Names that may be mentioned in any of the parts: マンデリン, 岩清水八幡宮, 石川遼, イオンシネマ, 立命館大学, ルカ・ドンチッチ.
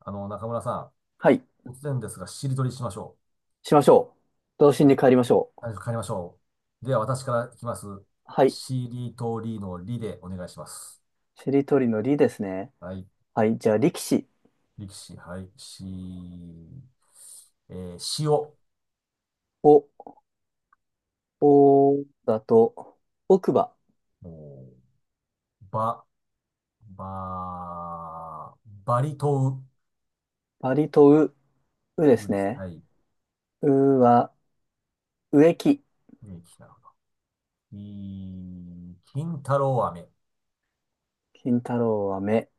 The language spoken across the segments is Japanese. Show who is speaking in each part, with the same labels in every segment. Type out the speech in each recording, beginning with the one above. Speaker 1: あの、中村さ
Speaker 2: はい。
Speaker 1: ん、突然ですが、しりとりしましょ
Speaker 2: しましょう。童
Speaker 1: う。
Speaker 2: 心
Speaker 1: じゃ、
Speaker 2: に帰りましょう。
Speaker 1: あ帰りましょう。では、私からいきます。
Speaker 2: はい。
Speaker 1: しりとりのりでお願いします。
Speaker 2: しりとりのりですね。
Speaker 1: はい。
Speaker 2: はい。じゃあ、力士。
Speaker 1: 力士、はい。し、塩、お
Speaker 2: お、おだと、奥歯。
Speaker 1: ーば、ば、バリと
Speaker 2: パリとう、うで
Speaker 1: う、う
Speaker 2: す
Speaker 1: です。
Speaker 2: ね。
Speaker 1: はい。
Speaker 2: うは、植木。
Speaker 1: きなるほど。い、金太郎飴、
Speaker 2: 金太郎は目。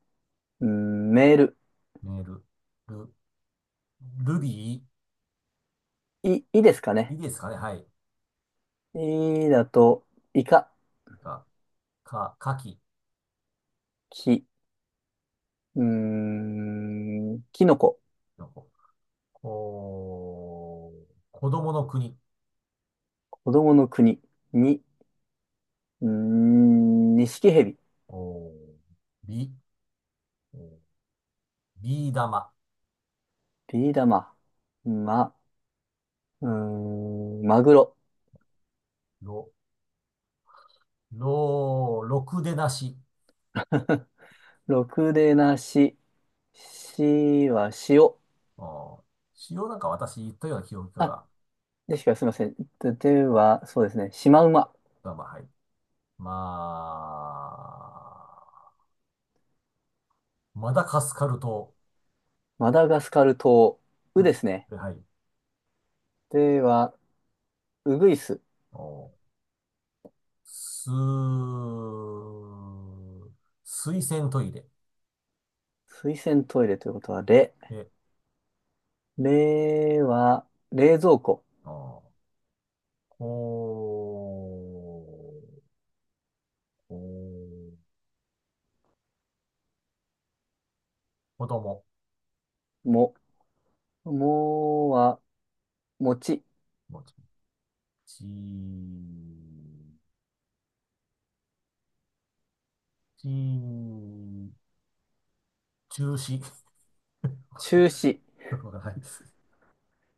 Speaker 2: うんメール。
Speaker 1: メール、ル、ルビ
Speaker 2: い、いですか
Speaker 1: ー、い
Speaker 2: ね。
Speaker 1: いですかね。はい。
Speaker 2: いだと、イカ。
Speaker 1: か、か、かき、
Speaker 2: き、キノコ。
Speaker 1: のこ。おー、子供の国。
Speaker 2: 子供の国。に、ニシキヘビ。
Speaker 1: おー、び、おビー玉。
Speaker 2: ビー玉。ま、マグロ。
Speaker 1: ろ、ろ、ろくでなし。
Speaker 2: ろくでなし。しは塩。
Speaker 1: おー、しようなんか私言ったような記憶
Speaker 2: あ、
Speaker 1: が、
Speaker 2: でしか、すみません。で、では、そうですね。シマウマ。
Speaker 1: まあまあ、はい。まあ、マダカスカル島。
Speaker 2: マダガスカル島。うで
Speaker 1: う、
Speaker 2: すね。
Speaker 1: で、はい。
Speaker 2: では、うぐいす。
Speaker 1: おー、す、水洗トイレ。
Speaker 2: 水洗トイレということは、れ。
Speaker 1: え、
Speaker 2: れは、冷蔵庫。
Speaker 1: おー、こ、こ、子供。
Speaker 2: も。もは、餅。
Speaker 1: もうち、ち、中止。
Speaker 2: 中止。
Speaker 1: よくわからないです。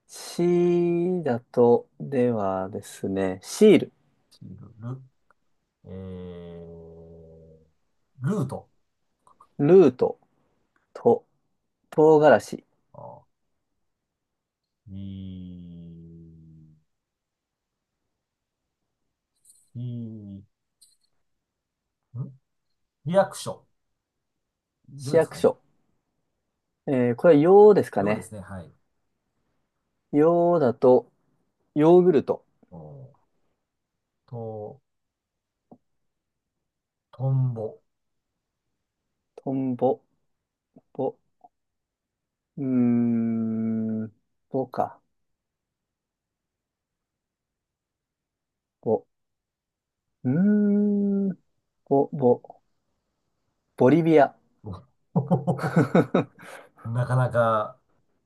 Speaker 2: しだと、ではですね。シール。
Speaker 1: ちる、る、えルート。
Speaker 2: ルート。と。唐辛子。
Speaker 1: あ、ち、ち、んリアクション。よ
Speaker 2: 市
Speaker 1: です
Speaker 2: 役
Speaker 1: かね。
Speaker 2: 所。えーこれは、ようですか
Speaker 1: よで
Speaker 2: ね。
Speaker 1: すね。はい。
Speaker 2: ようだと、ヨーグルト。
Speaker 1: おと、トンボ。
Speaker 2: トンボ、ボ、うーん、ボか、ボ、うーん、ボ、ボ、ボリビア。
Speaker 1: お なかなか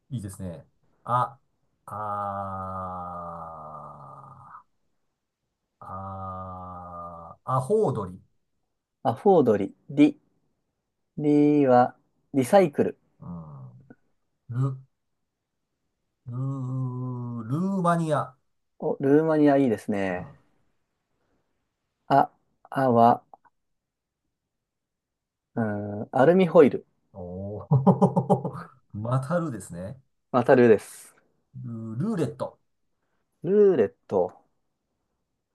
Speaker 1: いいですね。あ、あアホウドリ。
Speaker 2: アフォードリ、リ、リは、リサイクル。
Speaker 1: うん。ル、ルー、ルーマニア。
Speaker 2: お、ルーマニアいいです
Speaker 1: うん。
Speaker 2: ね。あ、あは、アルミホイル。
Speaker 1: おお またるですね。
Speaker 2: またルーです。
Speaker 1: ル、ルーレット。
Speaker 2: ルーレット、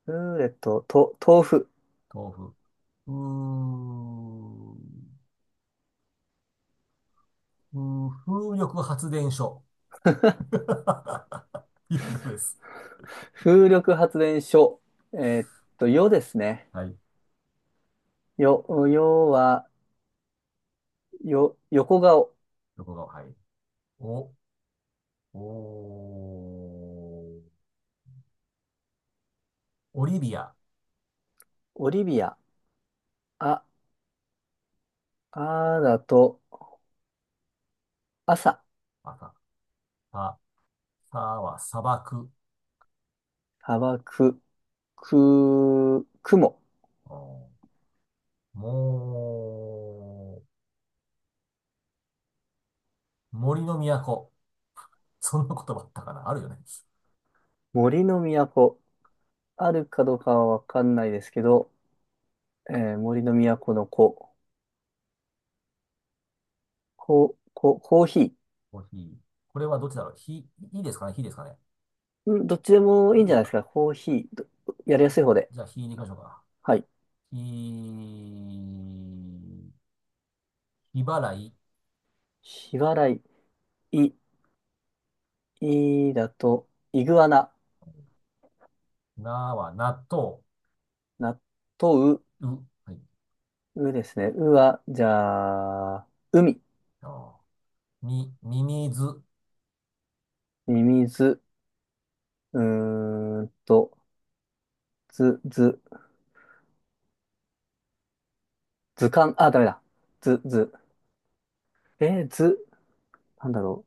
Speaker 2: ルーレット、と、豆腐。
Speaker 1: 豆腐。うーん、うー風力発電所。いうようです。
Speaker 2: 風力発電所。えーっよですね。
Speaker 1: はい。
Speaker 2: よ、よは、よ、横顔。
Speaker 1: どこが、はい。お、おー、オリビア。
Speaker 2: オリビア。あ、あだと、朝、
Speaker 1: また。さ、さは砂漠。
Speaker 2: 砂漠、く、雲、
Speaker 1: おーもう、森の都。そんな言葉あったかなあるよね。
Speaker 2: 森の都、あるかどうかはわかんないですけど、森の都の子、こ、こ、コーヒー。
Speaker 1: コーヒー。これはどっちだろうひ、いいですかねひですかね
Speaker 2: うん、どっちでもい
Speaker 1: い
Speaker 2: い
Speaker 1: い
Speaker 2: ん
Speaker 1: で
Speaker 2: じゃ
Speaker 1: す
Speaker 2: ないです
Speaker 1: か
Speaker 2: か。コーヒー、どやりやすい方で。
Speaker 1: じゃあ、ひでいきましょうか。
Speaker 2: はい。
Speaker 1: ひ、ひ払い。
Speaker 2: 日払い、い、いだと、イグアナ、
Speaker 1: なは納豆。
Speaker 2: 納豆、
Speaker 1: う。はい。
Speaker 2: うですね。うは、じゃあ、海、
Speaker 1: あみ、ミミズ。
Speaker 2: ミミズ、うーんと、ず、ず、図鑑、あ、ダメだ。図、図。図、なんだろ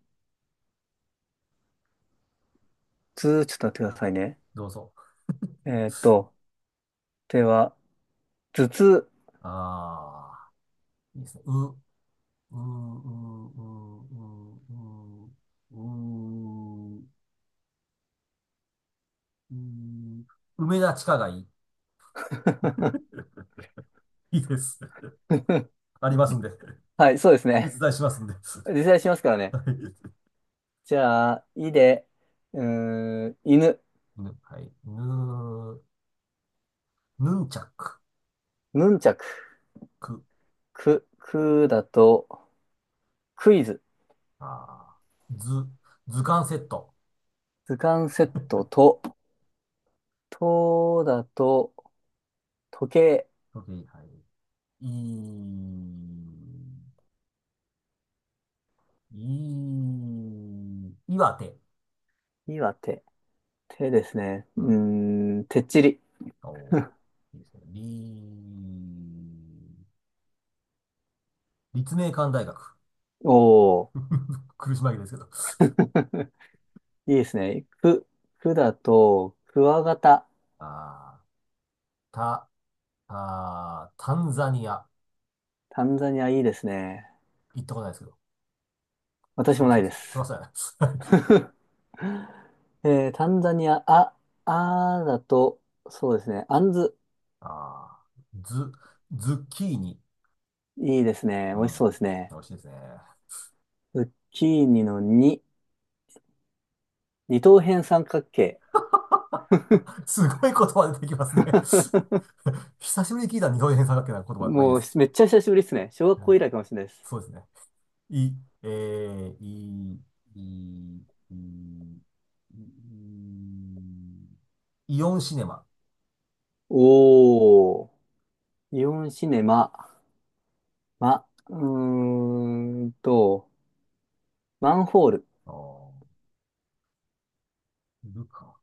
Speaker 2: う。図、ちょっと待ってくださいね。
Speaker 1: どうぞ。
Speaker 2: えーっと、では、頭痛。
Speaker 1: ああ、いいですね。う、う、う、う、う、う、う、う、う、梅田地下街。いいです。ありますんで。
Speaker 2: はい、そうですね。
Speaker 1: 実在しますんで。
Speaker 2: 実際しますからね。
Speaker 1: はい。
Speaker 2: じゃあ、いで、犬、
Speaker 1: ぬ、はい。ぬ、ヌンチャク、
Speaker 2: ヌンチャク、
Speaker 1: く、
Speaker 2: く、くだと、クイズ、
Speaker 1: あー、図、図鑑セット。
Speaker 2: 図鑑セットと、とだと、時計、
Speaker 1: OK はい。いい、い岩手。
Speaker 2: いは手、手ですね。
Speaker 1: うん。
Speaker 2: てっちり。
Speaker 1: お ー、いいですね。り、立命館大学。
Speaker 2: おー。
Speaker 1: 苦し紛れですけど。
Speaker 2: いいですね。く、くだと、クワガタ。
Speaker 1: あた、タンザニア。
Speaker 2: タンザニアいいですね。
Speaker 1: 行ったことないですけど。
Speaker 2: 私
Speaker 1: そ
Speaker 2: も
Speaker 1: ら
Speaker 2: な
Speaker 1: そ
Speaker 2: いで
Speaker 1: す。そら
Speaker 2: す。
Speaker 1: そうやな。
Speaker 2: タンザニア、あ、あーだと、そうですね。アンズ。
Speaker 1: あー、ズ、ズッキーニ。
Speaker 2: いいですね。
Speaker 1: う
Speaker 2: 美味し
Speaker 1: ん。
Speaker 2: そうですね。
Speaker 1: 美味しいですね。
Speaker 2: ズッキーニのに二等辺三角形。
Speaker 1: すごい言葉出てきますね。久しぶりに聞いた二等辺三角形な言葉。まあいいで
Speaker 2: もう、
Speaker 1: す。
Speaker 2: めっちゃ久しぶりですね。小学
Speaker 1: は
Speaker 2: 校
Speaker 1: い
Speaker 2: 以来かもしれないです。
Speaker 1: そうですね。い、えー、い、い、い、い、いイオンシネマ。
Speaker 2: おー。イオンシネマ。ま、マンホール。
Speaker 1: あーいるか。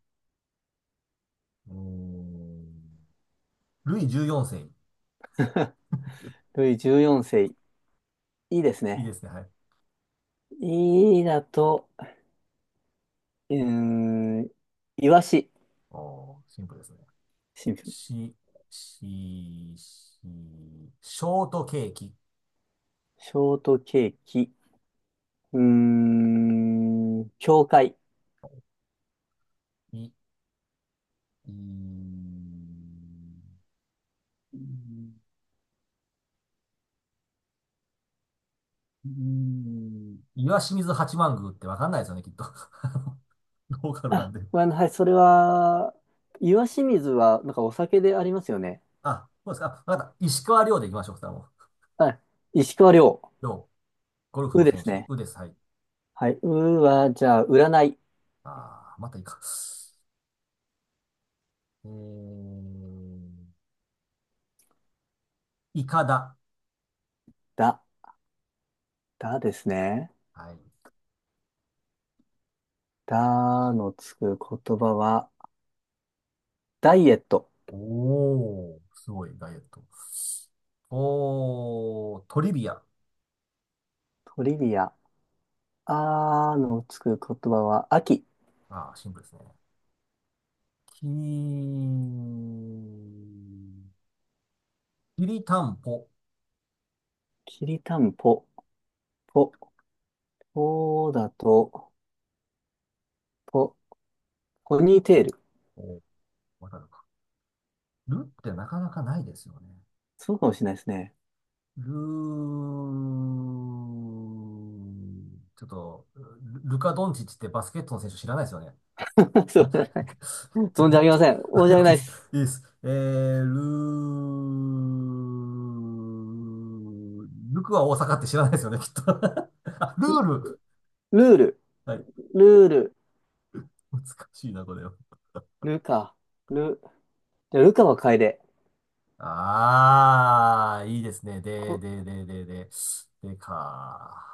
Speaker 1: うーんルイ14世。
Speaker 2: ルイ14世いいです
Speaker 1: いい
Speaker 2: ね。
Speaker 1: ですね。はい。
Speaker 2: いいだと、うーん、いわし、
Speaker 1: おー、シンプルですね。
Speaker 2: シンプル。
Speaker 1: し、し、ショートケーキ。
Speaker 2: ショートケーキ、教会。
Speaker 1: い、い、いうーん岩清水八幡宮ってわかんないですよね、きっと。あのローカルなん
Speaker 2: あ、
Speaker 1: で。
Speaker 2: ごめんなさい。それは、いわし水は、なんかお酒でありますよね。
Speaker 1: あ、そうですか。あわかった。石川遼で行きましょう、二人も。
Speaker 2: はい。石川遼。
Speaker 1: 遼、ゴルフ
Speaker 2: う
Speaker 1: の
Speaker 2: で
Speaker 1: 選
Speaker 2: す
Speaker 1: 手。
Speaker 2: ね。
Speaker 1: うです。はい。
Speaker 2: はい。うは、じゃあ、占い。
Speaker 1: あー、またいいか。えー、イカダ。
Speaker 2: だ。だですね。
Speaker 1: はい。
Speaker 2: だのつく言葉は、ダイエット。
Speaker 1: おー、すごい、ダイエット。おー、トリビア。
Speaker 2: トリビア。あのつく言葉は、秋。
Speaker 1: あー、シンプルですね。きーきりたんぽ。
Speaker 2: きりたんぽ。ぽ。そうだと、ポ、ポニーテール。
Speaker 1: おわかるか。るってなかなかないですよね。
Speaker 2: そうかもしれないですね。
Speaker 1: ルー、ちょっと、ルルカ・ドンチッチってバスケットの選手知らないですよね。
Speaker 2: そう、
Speaker 1: えっ
Speaker 2: 存じ上げ
Speaker 1: と、
Speaker 2: ません。申し
Speaker 1: あ、
Speaker 2: 訳
Speaker 1: OK
Speaker 2: な
Speaker 1: で
Speaker 2: いで
Speaker 1: す。
Speaker 2: す。
Speaker 1: いいです。ルー、ルクは大阪って知らないですよね、きっと。あ、ル
Speaker 2: ル
Speaker 1: ール。
Speaker 2: ルール。
Speaker 1: はい。
Speaker 2: ルール。
Speaker 1: 難しいな、これは。
Speaker 2: ルカ。ル、じゃあルカは楓。
Speaker 1: あー、いいですね。
Speaker 2: こ、
Speaker 1: でか。